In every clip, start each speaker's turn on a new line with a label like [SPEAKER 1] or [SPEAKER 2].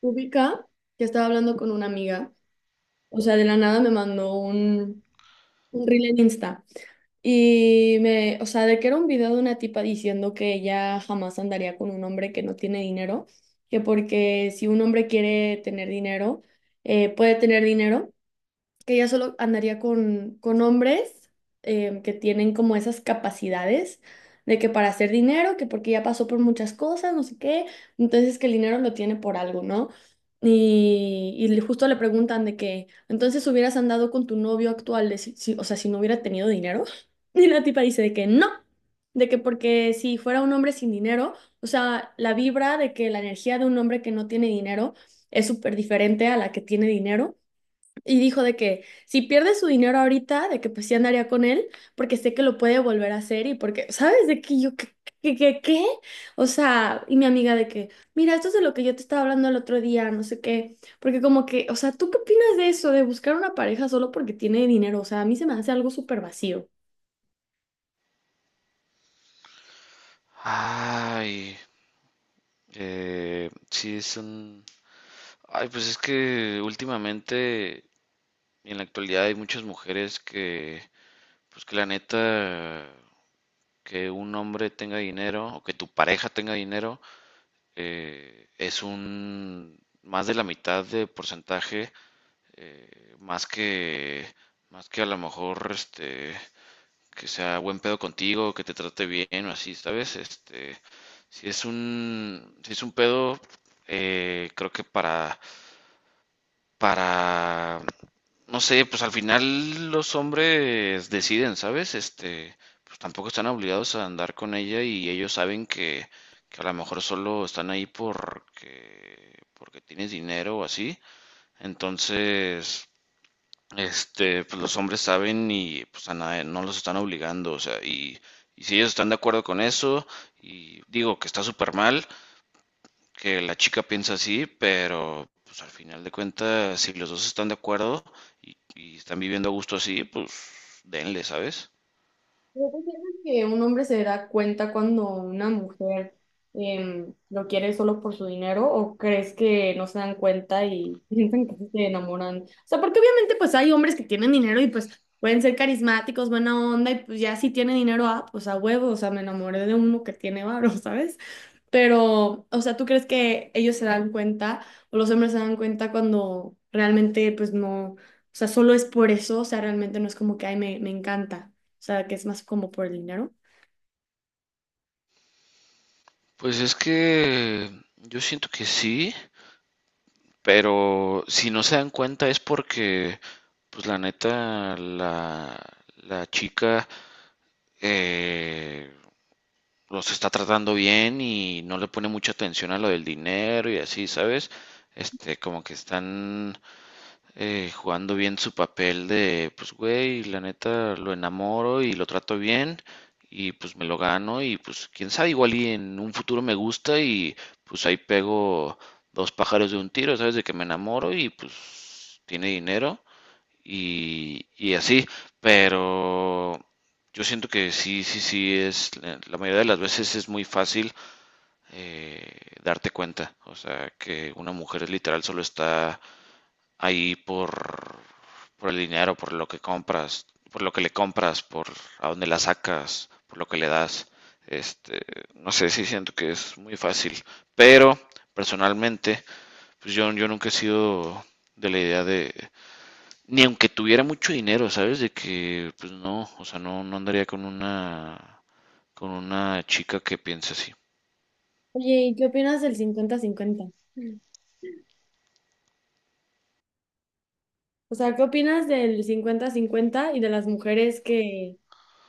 [SPEAKER 1] Ubica que estaba hablando con una amiga, o sea, de la nada me mandó un reel en Insta y me, o sea, de que era un video de una tipa diciendo que ella jamás andaría con un hombre que no tiene dinero, que porque si un hombre quiere tener dinero, puede tener dinero, que ella solo andaría con hombres que tienen como esas capacidades de que para hacer dinero, que porque ya pasó por muchas cosas, no sé qué, entonces que el dinero lo tiene por algo, ¿no? Y, justo le preguntan de que, entonces hubieras andado con tu novio actual, de o sea, si no hubiera tenido dinero. Y la tipa dice de que no, de que porque si fuera un hombre sin dinero, o sea, la vibra de que la energía de un hombre que no tiene dinero es súper diferente a la que tiene dinero. Y dijo de que si pierde su dinero ahorita, de que pues sí andaría con él, porque sé que lo puede volver a hacer y porque, ¿sabes? De que yo, ¿qué, qué, qué, qué? O sea, y mi amiga de que, mira, esto es de lo que yo te estaba hablando el otro día, no sé qué, porque como que, o sea, ¿tú qué opinas de eso, de buscar una pareja solo porque tiene dinero? O sea, a mí se me hace algo súper vacío.
[SPEAKER 2] Ay, sí, Ay, pues es que últimamente, en la actualidad, hay muchas mujeres que, pues que la neta, que un hombre tenga dinero o que tu pareja tenga dinero, eh, es un... más de la mitad de porcentaje, eh, más que, más que a lo mejor, este, que sea buen pedo contigo, que te trate bien o así, ¿sabes? Este, si es un pedo, creo que para, no sé, pues al final los hombres deciden, ¿sabes? Este, pues tampoco están obligados a andar con ella y ellos saben que a lo mejor solo están ahí porque tienes dinero o así. Entonces, este, pues los hombres saben y pues a nadie, no los están obligando, o sea, y si ellos están de acuerdo con eso, y digo que está súper mal, que la chica piensa así, pero pues al final de cuentas, si los dos están de acuerdo y están viviendo a gusto así, pues denle, ¿sabes?
[SPEAKER 1] ¿No consideras que un hombre se da cuenta cuando una mujer lo quiere solo por su dinero o crees que no se dan cuenta y piensan que sí se enamoran? O sea, porque obviamente pues hay hombres que tienen dinero y pues pueden ser carismáticos, buena onda y pues ya si tiene dinero, ah, pues a huevo, o sea, me enamoré de uno que tiene varo, ¿sabes? Pero, o sea, ¿tú crees que ellos se dan cuenta o los hombres se dan cuenta cuando realmente, pues no, o sea, solo es por eso, o sea, realmente no es como que, ay, me encanta, o sea, que es más como por el dinero?
[SPEAKER 2] Pues es que yo siento que sí, pero si no se dan cuenta es porque, pues la neta, la chica eh, los está tratando bien y no le pone mucha atención a lo del dinero y así, ¿sabes? Este, como que están jugando bien su papel de, pues, güey, la neta lo enamoro y lo trato bien y pues me lo gano y pues quién sabe, igual y en un futuro me gusta y pues ahí pego dos pájaros de un tiro, ¿sabes? De que me enamoro y pues tiene dinero y así, pero yo siento que sí, sí, sí, es, la mayoría de las veces es muy fácil eh, darte cuenta, o sea, que una mujer literal solo está ahí por el dinero, por lo que compras, por lo que le compras, por a dónde la sacas, por lo que le das. Este, no sé, sí siento que es muy fácil, pero personalmente, pues yo nunca he sido de la idea de, ni aunque tuviera mucho dinero, ¿sabes? De que, pues no, o sea, no, no andaría con una, chica que piense así.
[SPEAKER 1] Oye, ¿y qué opinas del cincuenta 50? O sea, ¿qué opinas del cincuenta-cincuenta y de las mujeres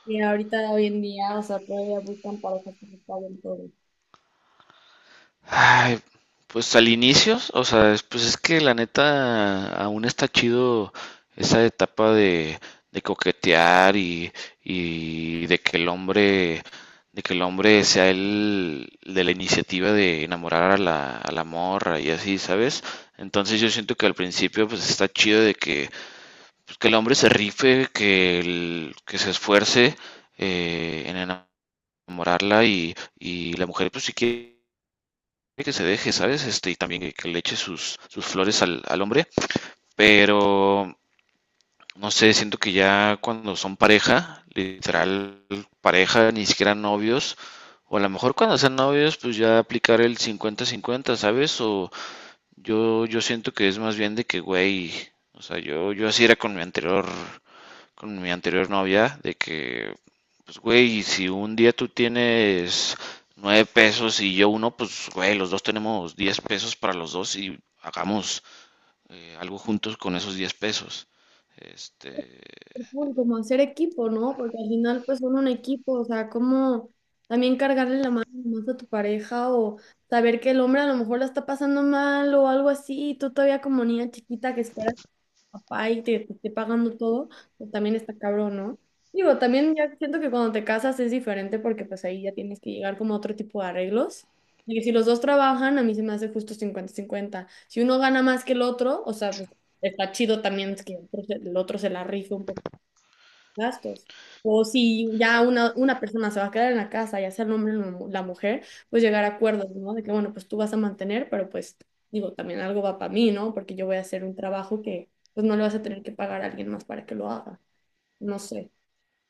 [SPEAKER 1] que ahorita, hoy en día, o sea, todavía buscan parejas que se paguen todo?
[SPEAKER 2] Ay, pues al inicio, o sea, pues es que la neta aún está chido esa etapa de, coquetear y, y de que el hombre, de que el hombre sea el de la iniciativa de enamorar a la, morra y así, ¿sabes? Entonces yo siento que al principio pues está chido de que pues, que el hombre se rife, que se esfuerce en enamorarla y la mujer, pues si quiere que se deje, ¿sabes? Este, y también que le eche sus flores al hombre, pero no sé, siento que ya cuando son pareja, literal pareja, ni siquiera novios, o a lo mejor cuando sean novios, pues ya aplicar el 50-50, ¿sabes? O yo siento que es más bien de que, güey, o sea, yo así era con mi anterior novia de que, pues, güey, si un día tú tienes 9 pesos y yo uno, pues, güey, los dos tenemos 10 pesos para los dos y hagamos algo juntos con esos 10 pesos. Este,
[SPEAKER 1] Cool, como hacer equipo, ¿no? Porque al final, pues son un equipo, o sea, como también cargarle la mano más a tu pareja o saber que el hombre a lo mejor la está pasando mal o algo así, y tú todavía como niña chiquita que esperas a tu papá y te esté pagando todo, pues también está cabrón, ¿no? Digo, también ya siento que cuando te casas es diferente porque pues ahí ya tienes que llegar como a otro tipo de arreglos. Y si los dos trabajan, a mí se me hace justo cincuenta-cincuenta. Si uno gana más que el otro, o sea, pues, está chido también es que el otro se la rife un poco gastos. O si ya una persona se va a quedar en la casa, ya sea el hombre o la mujer, pues llegar a acuerdos, ¿no? De que, bueno, pues tú vas a mantener, pero pues digo, también algo va para mí, ¿no? Porque yo voy a hacer un trabajo que pues no le vas a tener que pagar a alguien más para que lo haga. No sé.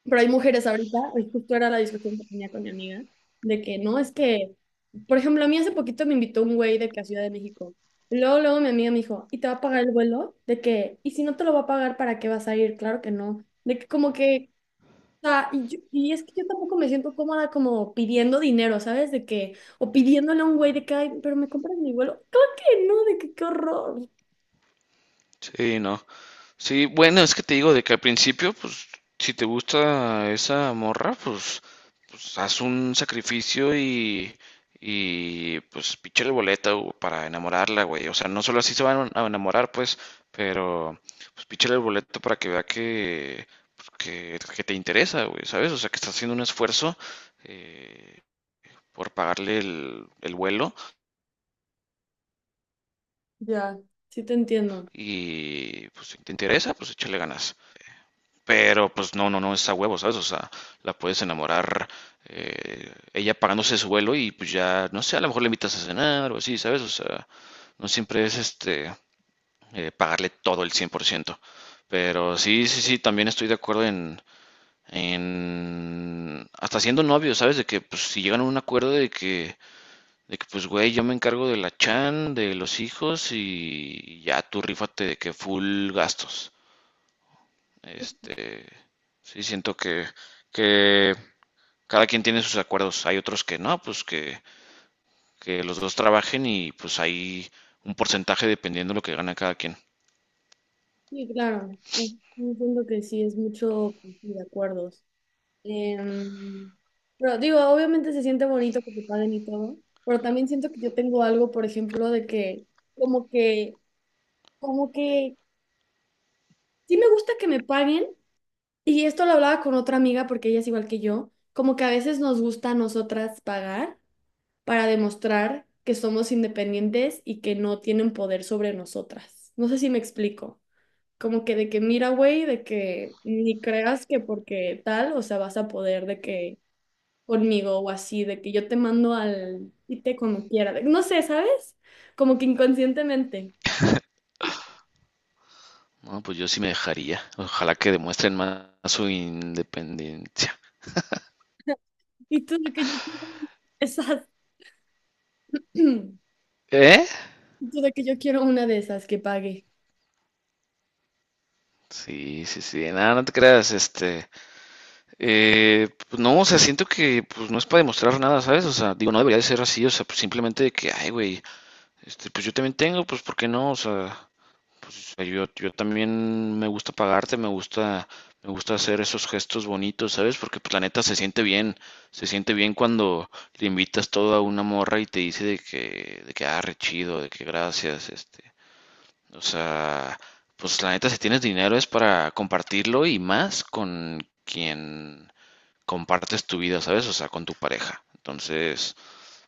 [SPEAKER 1] Pero hay mujeres ahorita, hoy justo era la discusión que tenía con mi amiga, de que no, es que, por ejemplo, a mí hace poquito me invitó un güey de que a Ciudad de México. Y luego, luego mi amiga me dijo, ¿y te va a pagar el vuelo? De que, ¿y si no te lo va a pagar, para qué vas a ir? Claro que no. De que como que o sea, y es que yo tampoco me siento cómoda como pidiendo dinero, ¿sabes? De que, o pidiéndole a un güey de que, ay, pero me compras mi vuelo. Claro que no, de que qué horror.
[SPEAKER 2] sí, no. Sí, bueno, es que te digo de que al principio, pues, si te gusta esa morra, pues, pues haz un sacrificio y pues píchale boleta, güey, para enamorarla, güey. O sea, no solo así se van a enamorar, pues, pero pues píchale el boleto para que vea que, pues, que te interesa, güey, ¿sabes? O sea, que estás haciendo un esfuerzo eh, por pagarle el vuelo
[SPEAKER 1] Ya, sí te entiendo.
[SPEAKER 2] y pues si te interesa, pues échale ganas. Pero pues no, no, no es a huevo, ¿sabes? O sea, la puedes enamorar ella pagándose su vuelo y pues ya, no sé, a lo mejor le invitas a cenar o así, ¿sabes? O sea, no siempre es este pagarle todo el 100%. Pero sí, sí, sí, también estoy de acuerdo en hasta siendo novios, ¿sabes? De que pues si llegan a un acuerdo de que, pues güey, yo me encargo de la chan, de los hijos y ya tú rífate de que full gastos.
[SPEAKER 1] Sí,
[SPEAKER 2] Este, sí, siento que cada quien tiene sus acuerdos. Hay otros que no, pues que los dos trabajen y pues hay un porcentaje dependiendo de lo que gana cada quien.
[SPEAKER 1] sí, claro. Un punto que sí es mucho pues, de acuerdos. Em, pero digo, obviamente se siente bonito que te paguen y todo, pero también siento que yo tengo algo, por ejemplo, de que como que, como que sí me gusta que me paguen. Y esto lo hablaba con otra amiga porque ella es igual que yo, como que a veces nos gusta a nosotras pagar para demostrar que somos independientes y que no tienen poder sobre nosotras. No sé si me explico. Como que de que mira, güey, de que ni creas que porque tal, o sea, vas a poder de que conmigo o así, de que yo te mando al y te como quiera. De- no sé, ¿sabes? Como que inconscientemente.
[SPEAKER 2] No, pues yo sí me dejaría. Ojalá que demuestren más su independencia.
[SPEAKER 1] Y tú de que yo quiero esas, tú
[SPEAKER 2] ¿Eh?
[SPEAKER 1] de que yo quiero una de esas que pague.
[SPEAKER 2] Sí, sí, sí. Nada, no te creas. Este, pues no, o sea, siento que pues no es para demostrar nada, ¿sabes? O sea, digo, no debería de ser así. O sea, pues simplemente de que, ay, güey, este, pues yo también tengo, pues ¿por qué no? O sea, pues yo también me gusta pagarte, me gusta hacer esos gestos bonitos, ¿sabes? Porque pues la neta se siente bien cuando le invitas todo a una morra y te dice de que, ah, re chido, de que gracias, este. O sea, pues la neta si tienes dinero es para compartirlo y más con quien compartes tu vida, ¿sabes? O sea, con tu pareja. Entonces,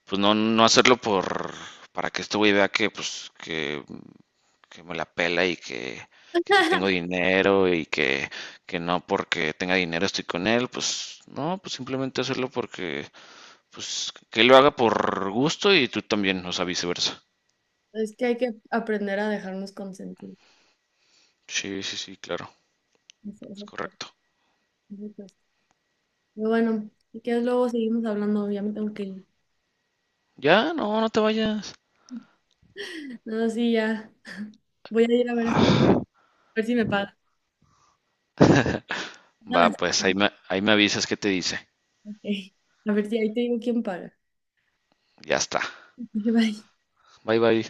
[SPEAKER 2] pues no, no hacerlo por, para que este güey vea que, pues, que me la pela que si tengo dinero que no porque tenga dinero estoy con él, pues no, pues simplemente hacerlo porque, pues que él lo haga por gusto y tú también, o sea, viceversa.
[SPEAKER 1] Es que hay que aprender a dejarnos consentir.
[SPEAKER 2] Sí, sí, sí, claro, es
[SPEAKER 1] Eso creo.
[SPEAKER 2] correcto.
[SPEAKER 1] Eso creo. Pero bueno, si quieres luego seguimos hablando, ya me tengo que ir.
[SPEAKER 2] Ya, no, no te vayas.
[SPEAKER 1] No, sí, ya. Voy a ir a ver esto, a ver si me paga. Paga
[SPEAKER 2] Va,
[SPEAKER 1] las-
[SPEAKER 2] pues ahí me avisas qué te dice.
[SPEAKER 1] Ok. A ver si ahí te digo quién paga.
[SPEAKER 2] Ya está.
[SPEAKER 1] Bye.
[SPEAKER 2] Bye, bye.